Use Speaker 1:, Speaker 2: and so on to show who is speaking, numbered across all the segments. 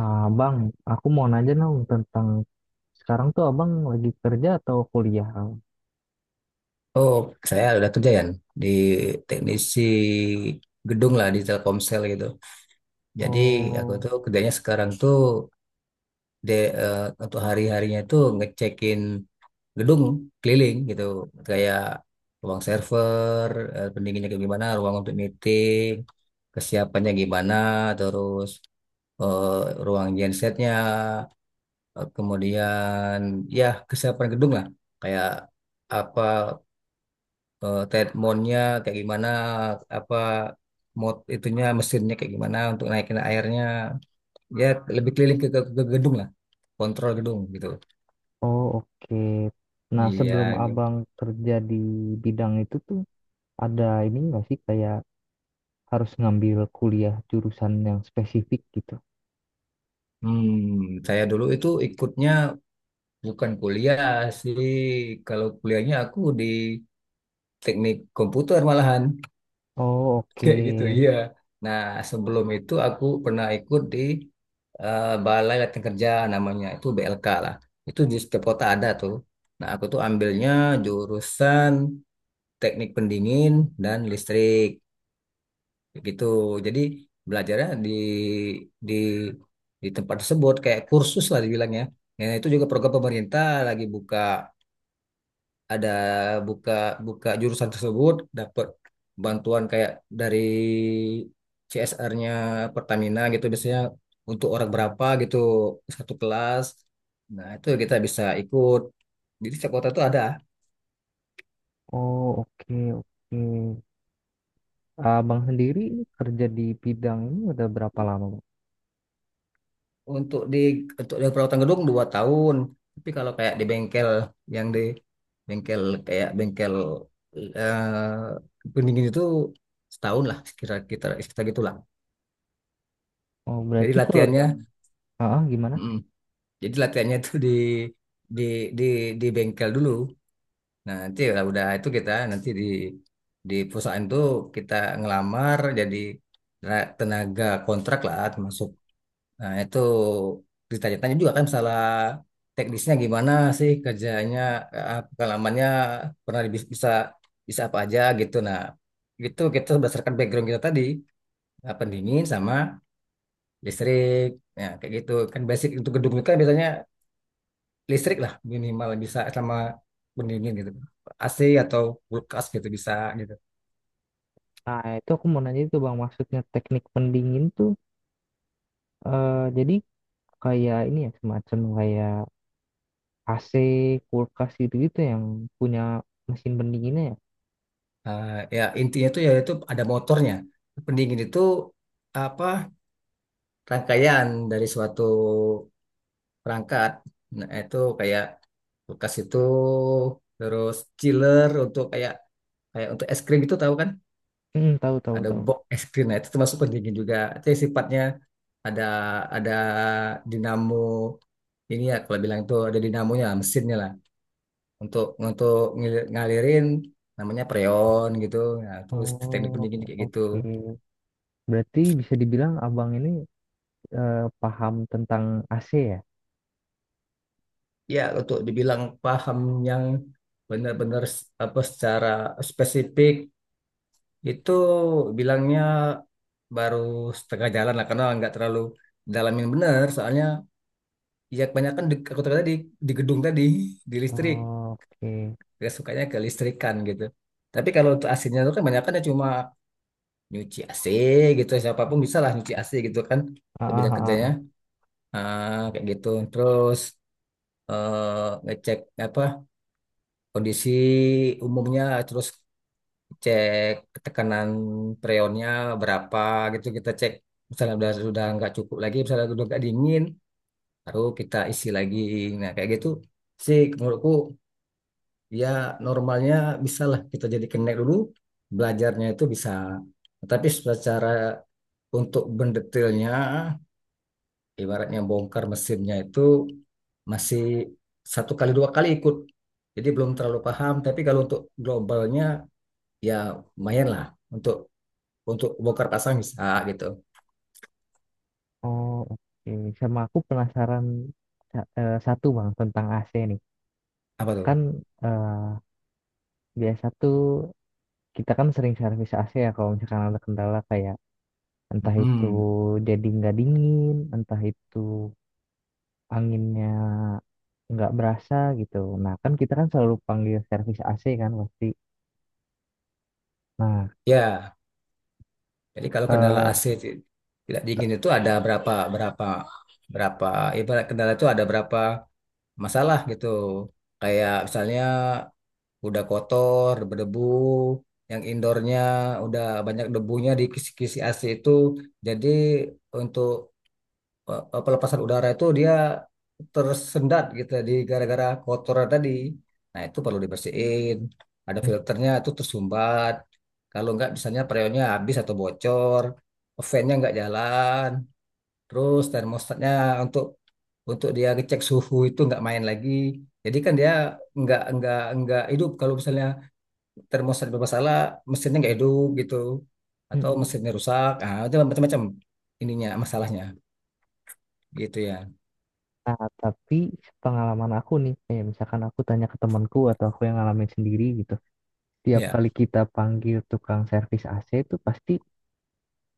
Speaker 1: Ah, bang, aku mau nanya dong tentang sekarang tuh abang lagi kerja atau kuliah?
Speaker 2: Oh, saya udah kerja ya di teknisi gedung lah di Telkomsel gitu. Jadi aku
Speaker 1: Oh,
Speaker 2: tuh kerjanya sekarang tuh de, eh, untuk hari-harinya tuh ngecekin gedung keliling gitu, kayak ruang server, pendinginnya kayak gimana, ruang untuk meeting, kesiapannya gimana, terus eh, ruang gensetnya, kemudian ya kesiapan gedung lah, kayak apa treadmillnya kayak gimana, apa mod itunya mesinnya kayak gimana untuk naikin airnya, ya lebih keliling ke gedung lah, kontrol gedung gitu,
Speaker 1: oh oke. Nah,
Speaker 2: iya
Speaker 1: sebelum
Speaker 2: gitu.
Speaker 1: abang kerja di bidang itu tuh ada ini nggak sih kayak harus ngambil kuliah jurusan yang spesifik gitu?
Speaker 2: hmm saya dulu itu ikutnya bukan kuliah sih, kalau kuliahnya aku di teknik komputer malahan.
Speaker 1: Oh oke,
Speaker 2: Kayak gitu, iya. Nah, sebelum itu aku pernah ikut di Balai Latihan Kerja namanya, itu BLK lah. Itu di setiap kota ada tuh. Nah, aku tuh ambilnya jurusan teknik pendingin dan listrik, kayak gitu. Jadi belajarnya di di tempat tersebut kayak kursus lah dibilangnya. Ya, itu juga program pemerintah lagi buka, ada buka buka jurusan tersebut, dapat bantuan kayak dari CSR-nya Pertamina gitu biasanya untuk orang berapa gitu satu kelas, nah itu kita bisa ikut, jadi setiap kota itu ada.
Speaker 1: oh oke oke. Abang sendiri ini kerja di bidang ini udah berapa lama? Bang?
Speaker 2: Untuk di untuk di perawatan gedung 2 tahun, tapi kalau kayak di bengkel, yang di bengkel, kayak bengkel pendingin itu setahun lah kira-kira, kita sekitar gitulah,
Speaker 1: Oh
Speaker 2: jadi
Speaker 1: berarti kalau yang,
Speaker 2: latihannya.
Speaker 1: ah ah, gimana?
Speaker 2: Mm, Jadi latihannya tuh di di di bengkel dulu. Nah, nanti kalau udah itu kita nanti di perusahaan tuh kita ngelamar jadi tenaga kontrak lah termasuk. Nah, itu ditanya-tanya juga kan masalah teknisnya gimana sih kerjanya, pengalamannya pernah bisa bisa apa aja gitu. Nah, itu kita berdasarkan background kita tadi, pendingin sama listrik. Ya, kayak gitu. Kan basic untuk gedung itu kan biasanya listrik lah minimal bisa, sama pendingin gitu, AC atau kulkas gitu bisa gitu.
Speaker 1: Nah, itu aku mau nanya itu Bang, maksudnya teknik pendingin tuh jadi kayak ini ya semacam kayak AC, kulkas gitu-gitu yang punya mesin pendinginnya ya.
Speaker 2: Ya intinya tuh ya itu ada motornya, pendingin itu apa rangkaian dari suatu perangkat, nah itu kayak kulkas itu, terus chiller untuk kayak kayak untuk es krim itu tahu kan,
Speaker 1: Hmm, tahu tahu
Speaker 2: ada
Speaker 1: tahu.
Speaker 2: box es krim, nah itu termasuk pendingin juga itu yang sifatnya ada ada dinamo ini ya, kalau bilang itu ada dinamonya mesinnya lah, untuk ngalirin namanya preon gitu. Nah, itu teknik
Speaker 1: Oh,
Speaker 2: pendidikan kayak gitu.
Speaker 1: oke. Berarti bisa dibilang abang ini paham tentang AC ya?
Speaker 2: Ya, untuk dibilang paham yang benar-benar apa secara spesifik itu bilangnya baru setengah jalan lah, karena nggak terlalu dalamin benar soalnya, ya kebanyakan di, aku tadi di gedung tadi, di listrik,
Speaker 1: Oh, oke.
Speaker 2: gak sukanya ke listrikan gitu. Tapi kalau untuk AC-nya itu kan banyak kan, cuma nyuci AC gitu siapapun bisa lah, nyuci AC gitu kan,
Speaker 1: Ah,
Speaker 2: untuk
Speaker 1: ah,
Speaker 2: bidang
Speaker 1: ah,
Speaker 2: kerjanya.
Speaker 1: ah.
Speaker 2: Ah, kayak gitu. Terus ngecek apa kondisi umumnya, terus cek tekanan freonnya berapa gitu kita cek. Misalnya udah nggak cukup lagi, misalnya udah nggak dingin, baru kita isi lagi. Nah kayak gitu sih menurutku, ya normalnya bisa lah, kita jadi connect dulu, belajarnya itu bisa. Tapi secara untuk mendetailnya ibaratnya bongkar mesinnya itu masih satu kali dua kali ikut. Jadi belum terlalu paham, tapi kalau untuk globalnya ya lumayan lah, untuk untuk bongkar pasang bisa gitu.
Speaker 1: Oh, oke. Sama aku penasaran satu bang tentang AC nih.
Speaker 2: Apa tuh?
Speaker 1: Kan eh, biasa tuh kita kan sering servis AC ya kalau misalkan ada kendala kayak Entah itu
Speaker 2: Mm-mm.
Speaker 1: jadi nggak dingin, entah itu anginnya nggak berasa gitu. Nah, kan kita kan selalu panggil servis AC kan pasti. Nah,
Speaker 2: Ya, jadi kalau kendala
Speaker 1: eh,
Speaker 2: AC tidak dingin itu ada berapa berapa berapa ibarat kendala itu ada berapa masalah gitu. Kayak misalnya udah kotor, berdebu, yang indoornya udah banyak debunya di kisi-kisi AC itu. Jadi untuk pelepasan udara itu dia tersendat gitu, di gara-gara kotoran tadi. Nah itu perlu dibersihin. Ada
Speaker 1: mm,
Speaker 2: filternya itu tersumbat. Kalau nggak misalnya freonnya habis atau bocor, fan-nya nggak jalan, terus termostatnya untuk untuk dia ngecek suhu itu nggak main lagi. Jadi kan dia nggak hidup kalau misalnya termos ada bermasalah, mesinnya nggak hidup gitu,
Speaker 1: mm,
Speaker 2: atau
Speaker 1: mm.
Speaker 2: mesinnya rusak, ah itu macam-macam ininya masalahnya gitu ya.
Speaker 1: nah tapi pengalaman aku nih, kayak misalkan aku tanya ke temanku atau aku yang ngalamin sendiri gitu. Tiap
Speaker 2: Ya
Speaker 1: kali kita panggil tukang servis AC itu pasti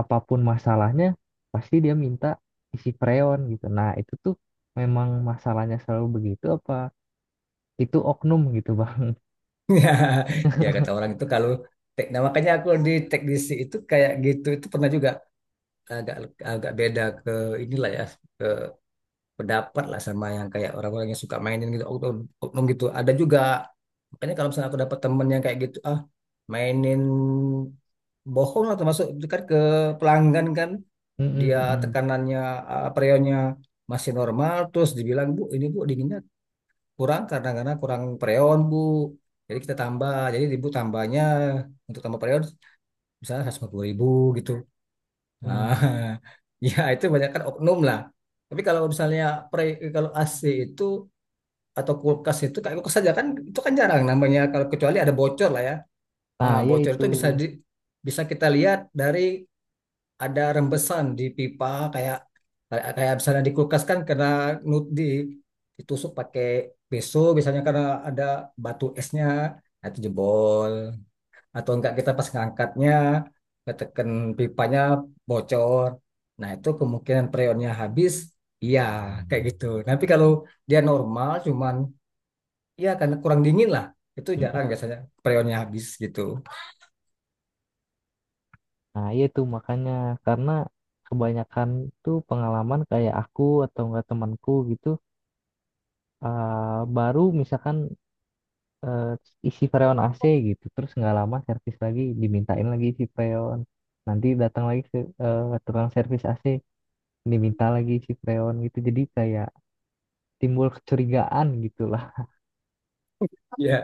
Speaker 1: apapun masalahnya, pasti dia minta isi freon gitu. Nah, itu tuh memang masalahnya selalu begitu apa itu oknum gitu.
Speaker 2: ya ya, kata orang itu kalau nah makanya aku di teknisi itu kayak gitu itu pernah juga agak agak beda ke inilah ya, ke pendapat lah sama yang kayak orang-orang yang suka mainin gitu, oknum oknum gitu ada juga. Makanya kalau misalnya aku dapat temen yang kayak gitu, ah mainin bohong lah termasuk itu kan ke pelanggan kan,
Speaker 1: Mm-mm,
Speaker 2: dia
Speaker 1: mm-mm,
Speaker 2: tekanannya freonnya masih normal terus dibilang bu ini bu dinginnya kurang karena kurang freon bu, jadi kita tambah, jadi ibu tambahnya untuk tambah freon misalnya 150.000 gitu nah,
Speaker 1: mm.
Speaker 2: ya itu banyak kan oknum lah. Tapi kalau misalnya pre, kalau AC itu atau kulkas itu kayak kulkas saja kan, itu kan jarang namanya kalau kecuali ada bocor lah ya. Ah
Speaker 1: Nah, ya
Speaker 2: bocor
Speaker 1: itu.
Speaker 2: itu bisa di, bisa kita lihat dari ada rembesan di pipa, kayak kayak misalnya di kulkas kan karena di ditusuk pakai pisau biasanya karena ada batu esnya, nah itu jebol, atau enggak kita pas ngangkatnya ketekan pipanya bocor, nah itu kemungkinan freonnya habis, iya kayak gitu. Tapi kalau dia normal cuman ya karena kurang dingin lah, itu
Speaker 1: Mm-mm.
Speaker 2: jarang biasanya freonnya habis gitu.
Speaker 1: Nah, ya itu makanya karena kebanyakan tuh pengalaman kayak aku atau enggak temanku gitu baru misalkan eh, isi freon AC gitu terus nggak lama servis lagi dimintain lagi isi freon nanti datang lagi ke tukang servis AC diminta lagi isi freon gitu jadi kayak timbul kecurigaan gitulah.
Speaker 2: Ya,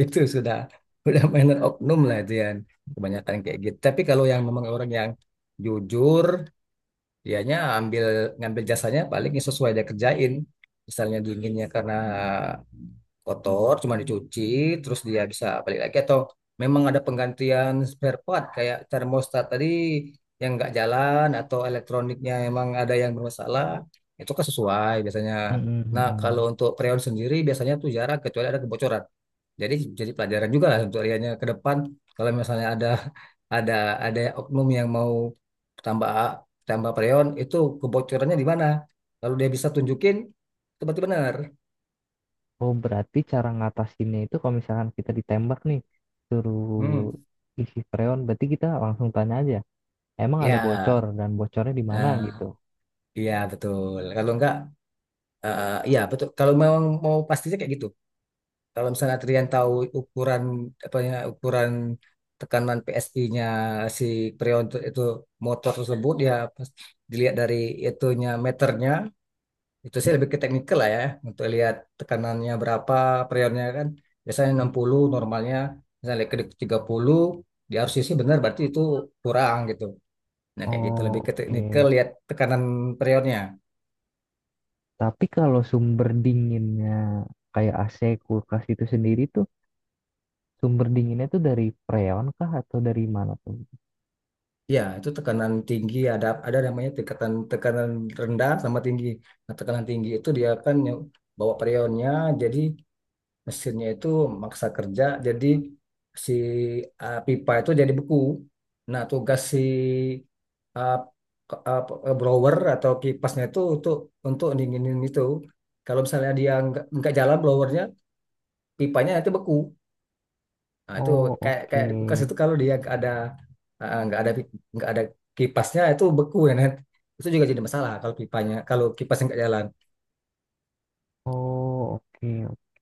Speaker 2: itu sudah mainan oknum lah itu yang kebanyakan kayak gitu. Tapi kalau yang memang orang yang jujur, dianya ngambil jasanya paling yang sesuai dia kerjain. Misalnya dinginnya karena kotor cuma dicuci, terus dia bisa balik lagi, atau memang ada penggantian spare part kayak termostat tadi yang nggak jalan, atau elektroniknya emang ada yang bermasalah, itu kan sesuai biasanya. Nah kalau untuk freon sendiri biasanya tuh jarang kecuali ada kebocoran. Jadi jadi pelajaran juga lah untuk Riannya ke depan, kalau misalnya ada ada ada oknum yang mau tambah tambah freon itu, kebocorannya di mana, lalu dia bisa tunjukin, itu berarti benar.
Speaker 1: Oh, berarti cara ngatasinnya itu kalau misalkan kita ditembak nih, suruh
Speaker 2: Hmm.
Speaker 1: isi freon, berarti kita langsung tanya aja, emang ada
Speaker 2: Ya,
Speaker 1: bocor dan bocornya di mana
Speaker 2: ah,
Speaker 1: gitu.
Speaker 2: iya betul. Kalau enggak, iya betul. Kalau memang mau pastinya kayak gitu. Kalau misalnya Trian tahu ukuran apa ya ukuran tekanan PSI-nya si Prion itu motor tersebut ya pas dilihat dari itunya meternya, itu sih lebih ke teknikal lah ya, untuk lihat tekanannya berapa Prionnya kan biasanya 60 normalnya, misalnya ke 30 dia harus isi benar berarti itu kurang gitu. Nah kayak gitu
Speaker 1: Oh,
Speaker 2: lebih ke teknikal
Speaker 1: oke.
Speaker 2: lihat tekanan Prionnya.
Speaker 1: Tapi kalau sumber dinginnya kayak AC, kulkas itu sendiri tuh, sumber dinginnya tuh dari freon kah atau dari mana tuh?
Speaker 2: Ya, itu tekanan tinggi ada namanya tekanan tekanan rendah sama tinggi. Nah, tekanan tinggi itu dia kan yang bawa perionnya, jadi mesinnya itu maksa kerja, jadi si pipa itu jadi beku. Nah, tugas si uh, blower atau kipasnya itu untuk dinginin itu. Kalau misalnya dia nggak jalan blowernya, pipanya itu beku. Nah, itu
Speaker 1: Oh,
Speaker 2: kayak kayak di kulkas
Speaker 1: oke.
Speaker 2: itu kalau dia nggak ada eh, nggak ada pi- nggak ada kipasnya itu beku ya Nat. Itu juga jadi masalah kalau pipanya, kalau kipasnya nggak jalan.
Speaker 1: Oh, oke,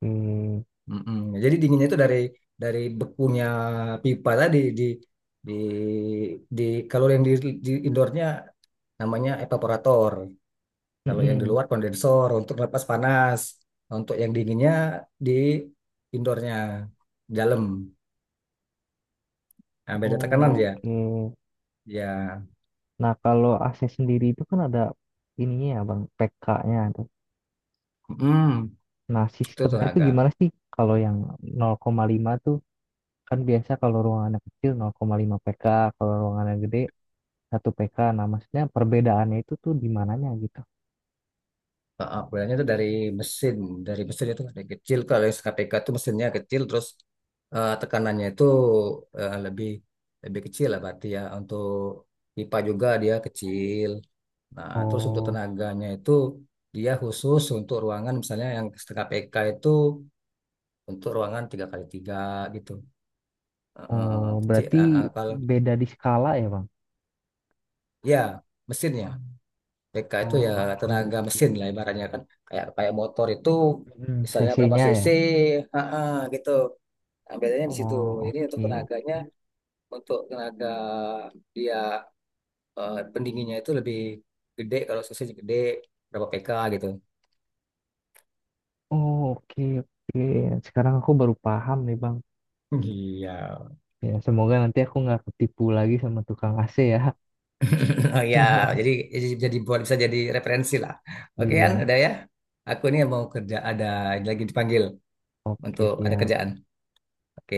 Speaker 1: oke.
Speaker 2: Mm-mm. Jadi dinginnya itu dari bekunya pipa tadi di di kalau yang di indoornya namanya evaporator. Kalau yang di
Speaker 1: Mm-mm.
Speaker 2: luar kondensor untuk lepas panas. Untuk yang dinginnya di indoornya dalam. Nah, beda tekanan
Speaker 1: Oh,
Speaker 2: dia.
Speaker 1: oke.
Speaker 2: Ya,
Speaker 1: Nah, kalau AC sendiri itu kan ada ininya ya, Bang, PK-nya.
Speaker 2: mm,
Speaker 1: Nah,
Speaker 2: itu
Speaker 1: sistemnya tuh
Speaker 2: tenaga.
Speaker 1: gimana sih kalau yang 0,5 tuh kan biasa kalau ruangannya kecil 0,5 PK, kalau ruangannya gede 1 PK. Nah, maksudnya perbedaannya itu tuh di mananya gitu.
Speaker 2: Heeh, boilnya itu mesin, dari mesin itu dari kecil. Kalau yang KPK itu mesinnya kecil, terus tekanannya itu lebih lebih kecil lah berarti ya. Untuk pipa juga dia kecil. Nah, terus untuk
Speaker 1: Oh,
Speaker 2: tenaganya itu dia khusus untuk ruangan misalnya yang KPK itu untuk ruangan 3x3 gitu.
Speaker 1: oh,
Speaker 2: Kecil.
Speaker 1: berarti
Speaker 2: Kalau
Speaker 1: beda di skala ya, Bang?
Speaker 2: ya mesinnya BK itu ya
Speaker 1: Oh, oke,
Speaker 2: tenaga
Speaker 1: oke.
Speaker 2: mesin lah ibaratnya kan. Kayak kayak motor itu
Speaker 1: Mm,
Speaker 2: misalnya
Speaker 1: cc
Speaker 2: berapa cc,
Speaker 1: ya.
Speaker 2: ah, ah, gitu. Nah, bedanya di situ.
Speaker 1: Oh,
Speaker 2: Ini untuk
Speaker 1: oke.
Speaker 2: tenaganya, untuk tenaga dia pendinginnya itu lebih gede kalau cc-nya gede berapa PK gitu.
Speaker 1: Oh, oke, oke. Sekarang aku baru paham nih, Bang.
Speaker 2: Iya.
Speaker 1: Ya, semoga nanti aku nggak ketipu lagi sama tukang AC ya.
Speaker 2: Oh ya, jadi jadi jadi buat bisa jadi referensi lah. Oke kan,
Speaker 1: Iya,
Speaker 2: udah ya. Aku ini mau kerja ada lagi dipanggil
Speaker 1: oke,
Speaker 2: untuk ada
Speaker 1: siap.
Speaker 2: kerjaan. Oke.